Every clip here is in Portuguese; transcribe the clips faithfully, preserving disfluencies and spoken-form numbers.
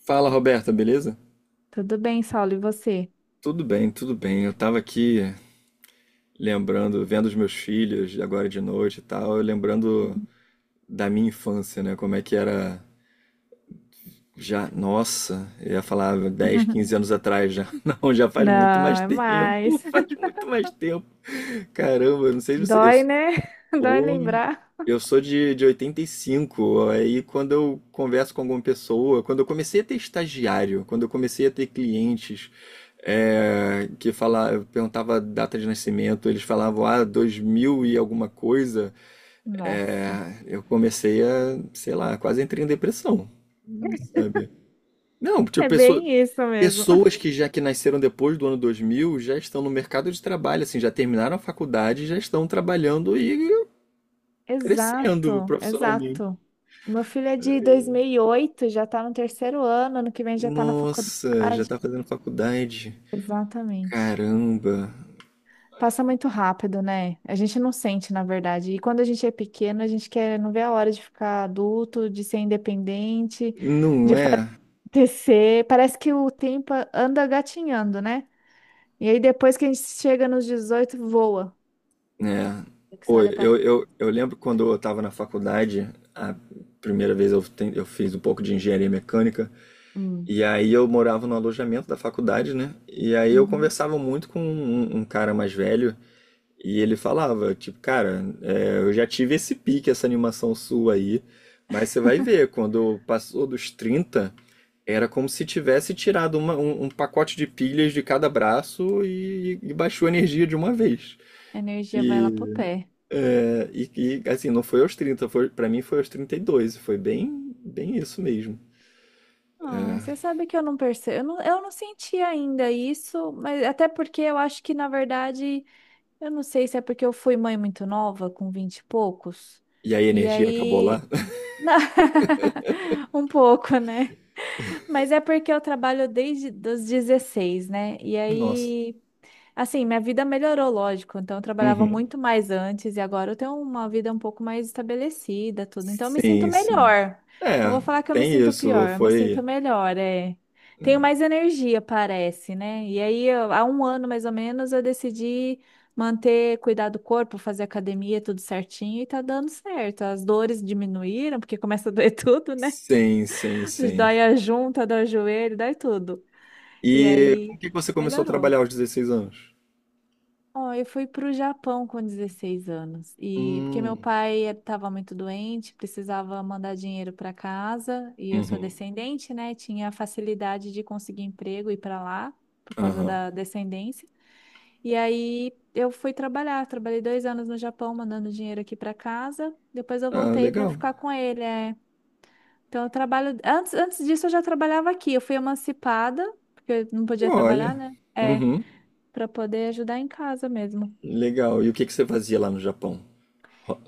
Fala, Roberta, beleza? Tudo bem, Saulo, e você? Tudo bem, tudo bem. Eu tava aqui lembrando, vendo os meus filhos agora de noite e tal, eu lembrando da minha infância, né? Como é que era já, nossa, eu ia falar dez, quinze anos atrás já. Não, já faz muito Não, mais é tempo, mais. faz muito mais tempo. Caramba, eu não sei se você, eu. Dói, né? Dói Ou lembrar. eu sou de, de oitenta e cinco, aí quando eu converso com alguma pessoa, quando eu comecei a ter estagiário, quando eu comecei a ter clientes, é, que fala, eu perguntava a data de nascimento, eles falavam, ah, dois mil e alguma coisa. É, Nossa. eu comecei a, sei lá, quase entrei em depressão, sabe? Não, tipo, É pessoa, bem isso mesmo. pessoas que já que nasceram depois do ano dois mil já estão no mercado de trabalho, assim, já terminaram a faculdade, já estão trabalhando e crescendo Exato, profissionalmente. exato. Meu filho é de dois mil e oito, já tá no terceiro ano, ano que vem já tá na faculdade. Nossa, já tá fazendo faculdade. Exatamente. Caramba, Passa muito rápido, né? A gente não sente, na verdade. E quando a gente é pequeno, a gente quer não vê a hora de ficar adulto, de ser independente, não de é? T C, parece que o tempo anda gatinhando, né? E aí depois que a gente chega nos dezoito voa. Né? É que você Pô, olha pra. eu, eu, eu lembro quando eu tava na faculdade, a primeira vez eu, ten- eu fiz um pouco de engenharia mecânica, Hum. e aí eu morava no alojamento da faculdade, né? E aí eu Uhum. conversava muito com um, um um cara mais velho, e ele falava, tipo, cara, é, eu já tive esse pique, essa animação sua aí, mas você vai ver, quando passou dos trinta. Era como se tivesse tirado uma- um, um pacote de pilhas de cada braço e, e baixou a energia de uma vez. A energia vai lá E, pro pé. é, e- e, assim, não foi aos trinta, foi, para mim foi aos trinta e dois. Foi bem, bem isso mesmo. Ah, você sabe que eu não percebo. Eu não, eu não senti ainda isso, mas até porque eu acho que, na verdade, eu não sei se é porque eu fui mãe muito nova, com vinte e poucos. E aí a E energia acabou lá? aí. Um pouco, né? Mas é porque eu trabalho desde os dezesseis, né? E Nossa. aí. Assim, minha vida melhorou, lógico. Então, eu trabalhava Uhum. muito mais antes e agora eu tenho uma vida um pouco mais estabelecida, tudo. Então, eu me sinto Sim, sim. melhor. Não É, vou falar que eu me tem sinto isso. pior, eu me Foi. sinto melhor, é. Tenho Né? mais energia, parece, né? E aí, eu- há um ano mais ou menos, eu decidi manter, cuidar do corpo, fazer academia, tudo certinho e tá dando certo. As dores diminuíram, porque começa a doer tudo, né? Sim, sim, sim. Dói a junta, dói o joelho, dói tudo. E E com o aí, que que você começou a melhorou. trabalhar aos dezesseis anos? Ó, eu fui para o Japão com dezesseis anos. E porque Hum. meu pai estava muito doente, precisava mandar dinheiro para casa, e eu sou Uhum. descendente, né? Tinha a facilidade de conseguir emprego e ir para lá por causa Aham. da descendência. E aí eu fui trabalhar, trabalhei dois anos no Japão mandando dinheiro aqui para casa. Depois eu Ah, voltei para legal. ficar com ele. É. Então eu trabalho antes, antes disso eu já trabalhava aqui. Eu fui emancipada porque eu não podia Olha. trabalhar, né? É, Uhum. para poder ajudar em casa mesmo. Legal. E o que que você fazia lá no Japão? Ro-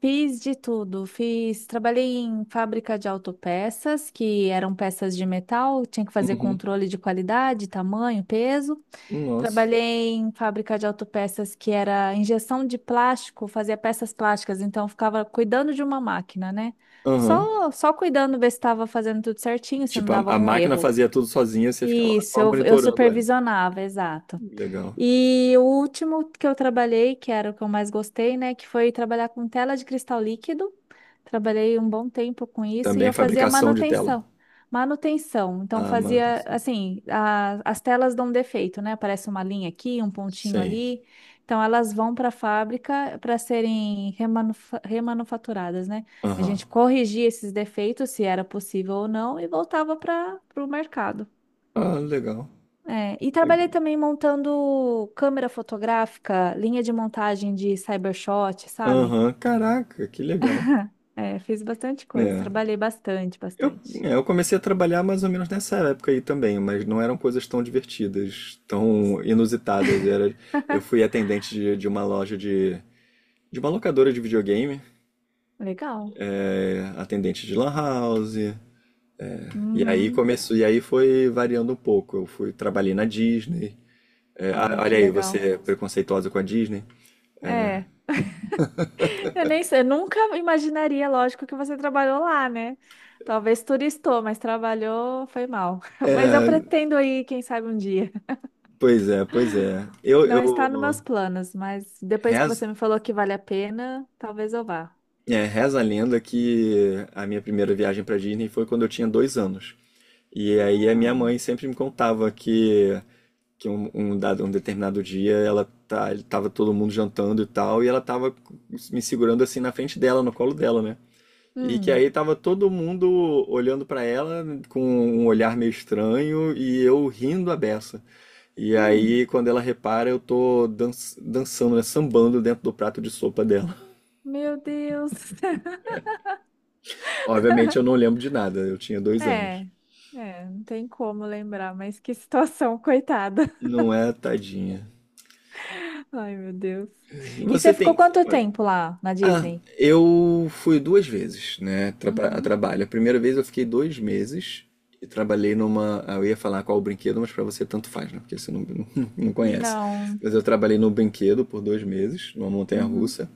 Fiz de tudo, fiz, trabalhei em fábrica de autopeças, que eram peças de metal, tinha que fazer Uhum. controle de qualidade, tamanho, peso. Nossa. Trabalhei em fábrica de autopeças que era injeção de plástico, fazia peças plásticas, então eu ficava cuidando de uma máquina, né? Aham. Só, só cuidando, ver se estava fazendo tudo certinho, se não Tipo, a, dava a algum máquina erro. fazia tudo sozinha, você ficava lá Isso, só eu, eu monitorando ela. supervisionava, exato. Legal. E o último que eu trabalhei, que era o que eu mais gostei, né, que foi trabalhar com tela de cristal líquido. Trabalhei um bom tempo com isso e Também eu fazia fabricação de tela. manutenção. Manutenção. Então Ah, fazia manutenção. assim, a- as telas dão defeito, né? Aparece uma linha aqui, um pontinho Sim. ali. Então elas vão para a fábrica para serem remanufa- remanufaturadas, né? A Aham. gente corrigia esses defeitos, se era possível ou não, e voltava para o mercado. Ah, legal. É, e trabalhei Legal. também montando câmera fotográfica, linha de montagem de cybershot, sabe? Aham. Caraca, que legal. É, fiz bastante coisa, É. trabalhei bastante, Eu, bastante. é, eu comecei a trabalhar mais ou menos nessa época aí também, mas não eram coisas tão divertidas, tão inusitadas. Era, eu fui atendente de, de uma loja de, de uma locadora de videogame. Legal. Atendente de lan house. E aí Uhum. começou, e aí foi variando um pouco. Eu fui, trabalhei na Disney. É, a- Ai, que olha aí, você legal. é preconceituosa com a Disney. É, eu nem sei, eu nunca imaginaria, lógico, que você trabalhou lá, né? Talvez turistou, mas trabalhou, foi mal. Mas eu pretendo ir, quem sabe um dia. Pois é, pois é. Eu, Não está nos eu meus planos, mas depois que reza, você me falou que vale a pena, talvez eu vá. é, reza a lenda que a minha primeira viagem para Disney foi quando eu tinha dois anos. E aí a minha Ah, mãe sempre me contava que, que um, um dado, um determinado dia ela tá, tava todo mundo jantando e tal, e ela tava me segurando assim na frente dela, no colo dela, né? E que hum. aí tava todo mundo olhando pra ela com um olhar meio estranho e eu rindo a beça. E Hum. aí, quando ela repara, eu tô dan- dançando, né, sambando dentro do prato de sopa dela. Meu Deus. Obviamente, eu não lembro de nada, eu tinha dois anos. É, é, não tem como lembrar, mas que situação, coitada. Não é, tadinha. Ai, meu Deus. E você Você ficou tem. quanto tempo lá na Ah, Disney? eu fui duas vezes, né, tra- a Uhum. trabalho. A primeira vez eu fiquei dois meses e trabalhei numa. ah, Eu ia falar qual o brinquedo, mas pra você tanto faz, né? Porque você não, não conhece. Não. Mas eu trabalhei no brinquedo por dois meses, numa Uhum. montanha-russa.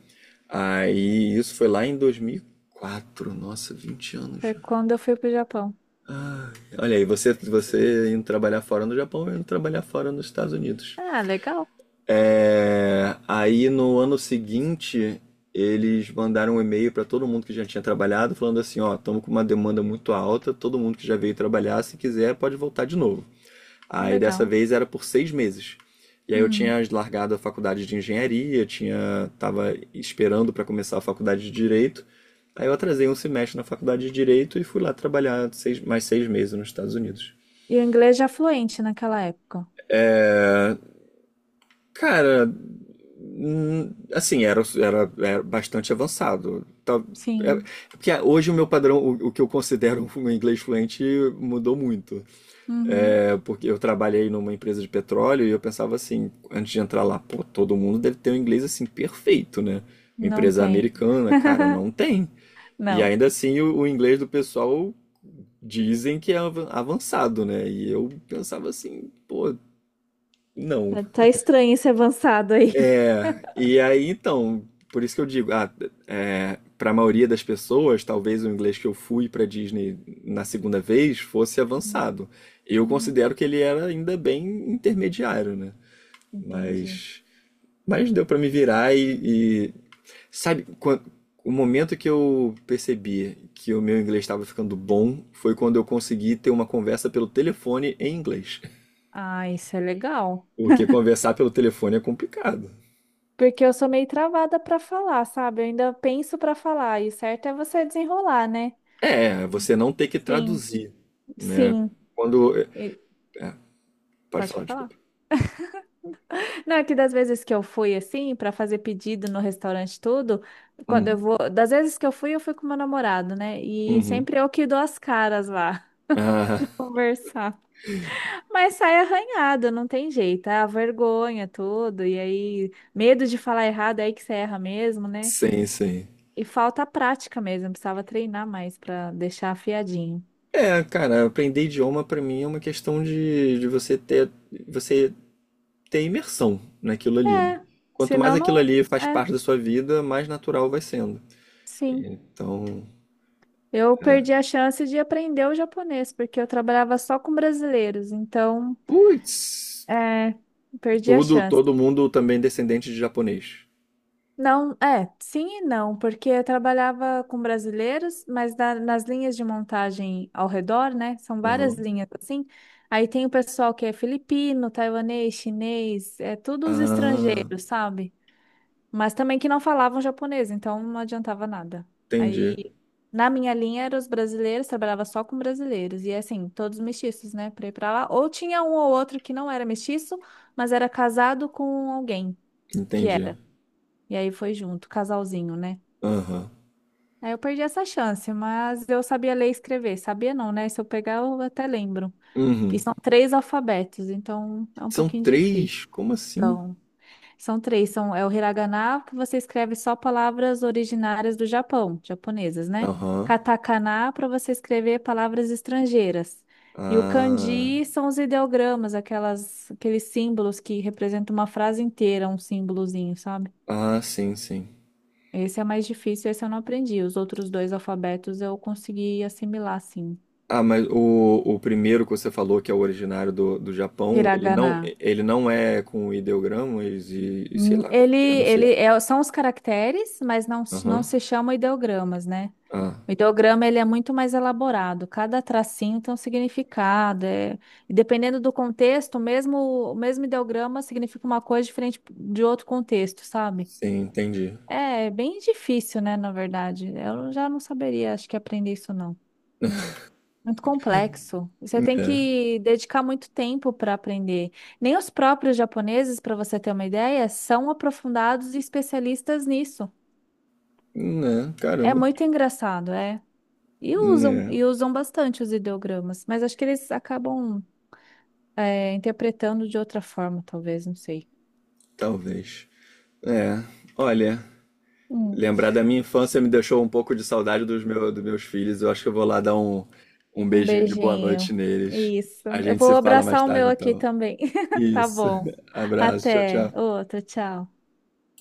Aí isso foi lá em dois mil e quatro. Nossa, vinte anos Foi já. quando eu fui pro Japão. Ai, olha aí, você, você indo trabalhar fora no Japão, eu indo trabalhar fora nos Estados Unidos. Ah, legal. É, aí no ano seguinte, eles mandaram um e-mail para todo mundo que já tinha trabalhado, falando assim: ó, estamos com uma demanda muito alta, todo mundo que já veio trabalhar, se quiser, pode voltar de novo. Que Aí dessa legal. vez era por seis meses. E aí eu Hum. tinha largado a faculdade de engenharia, tinha tava esperando para começar a faculdade de direito. Aí eu atrasei um semestre na faculdade de direito e fui lá trabalhar seis- mais seis meses nos Estados Unidos. E o inglês já fluente naquela época. Cara, hum, assim, era, era, era bastante avançado. Tá- é- é Sim. porque ah, hoje o meu padrão, o, o que eu considero um inglês fluente, mudou muito. Uhum. É, porque eu trabalhei numa empresa de petróleo e eu pensava assim, antes de entrar lá, pô, todo mundo deve ter um inglês assim perfeito, né? Uma Não empresa tem. americana, cara, não tem. E Não. ainda assim o, o inglês do pessoal dizem que é avan- avançado, né? E eu pensava assim, pô, não. Tá tá estranho esse avançado aí. E aí, então, por isso que eu digo, ah, é, para a maioria das pessoas, talvez o inglês que eu fui para Disney na segunda vez fosse Uhum. avançado. Eu Uhum. considero que ele era ainda bem intermediário, né? Entendi. Mas, mas deu para me virar e, e sabe, quan- o momento que eu percebi que o meu inglês estava ficando bom foi quando eu consegui ter uma conversa pelo telefone em inglês. Ah, isso é legal. Porque conversar pelo telefone é complicado. Porque eu sou meio travada pra falar, sabe? Eu ainda penso pra falar, e o certo é você desenrolar, né? É, você não ter que Sim, traduzir, né? sim. Quando. É, E- é, pode Pode falar, falar. desculpa. Não, é que das vezes que eu fui assim, para fazer pedido no restaurante, tudo, quando eu Uhum. vou. Das vezes que eu fui, eu fui com meu namorado, né? E Uhum. sempre eu que dou as caras lá, Ah, conversar. Mas sai arranhado, não tem jeito. É a vergonha, tudo. E aí, medo de falar errado, é aí que você erra mesmo, né? sim, sim. E falta prática mesmo, precisava treinar mais para deixar afiadinho. É, cara, aprender idioma pra mim é uma questão de, de você ter, você ter imersão naquilo ali, né? É, Quanto mais senão aquilo não. ali faz É, parte da sua vida, mais natural vai sendo. sim. Então, Eu perdi é. a chance de aprender o japonês, porque eu trabalhava só com brasileiros, então, Putz, é, perdi a tudo, chance. todo mundo também descendente de japonês. Não, é, sim e não, porque eu trabalhava com brasileiros, mas na- nas linhas de montagem ao redor, né? São várias Aham. linhas assim. Aí tem o pessoal que é filipino, taiwanês, chinês, é tudo os Ah, estrangeiros, sabe? Mas também que não falavam japonês, então não adiantava nada. entendi, Aí, na minha linha, eram os brasileiros, trabalhava só com brasileiros, e assim, todos mestiços, né, pra ir pra lá. Ou tinha um ou outro que não era mestiço, mas era casado com alguém que entendi. era. E aí foi junto, casalzinho, né? Aham. Aí eu perdi essa chance, mas eu sabia ler e escrever. Sabia não, né? Se eu pegar, eu até lembro. E Uhum. são três alfabetos, então é um São pouquinho difícil. três? Como assim? Então são três, são, é o hiragana, que você escreve só palavras originárias do Japão, japonesas, né? Aham. Katakana, para você escrever palavras estrangeiras. E o Ah, kanji são os ideogramas, aquelas, aqueles símbolos que representam uma frase inteira, um símbolozinho, sabe? ah, sim, sim. Esse é mais difícil, esse eu não aprendi. Os outros dois alfabetos eu consegui assimilar, sim. Ah, mas o, o primeiro que você falou, que é o originário do, do Japão, ele Hiragana. não, ele não é com ideogramas e, e sei Hum, lá como é Ele, que é, não sei. ele é- são os caracteres, mas não, não Aham. se chamam ideogramas, né? Ah, O ideograma ele é muito mais elaborado, cada tracinho tem um significado. é- E dependendo do contexto, o mesmo, o mesmo ideograma significa uma coisa diferente de outro contexto, sabe? sim, entendi. É é bem difícil, né, na verdade. Eu já não saberia, acho que aprender isso não. Muito complexo. Você tem É. que dedicar muito tempo para aprender. Nem os próprios japoneses, para você ter uma ideia, são aprofundados e especialistas nisso. Né, É caramba. muito engraçado, é. E usam, Né, e usam bastante os ideogramas, mas acho que eles acabam é, interpretando de outra forma, talvez, não sei. talvez. É. Olha, Hum. lembrar da minha infância me deixou um pouco de saudade dos, meu, dos meus filhos. Eu acho que eu vou lá dar um, um Um beijinho de boa noite beijinho. neles. Isso. A Eu gente se vou fala mais abraçar o tarde, meu aqui então. também. Tá Isso. bom. Abraço. Tchau, Até tchau. outra, tchau.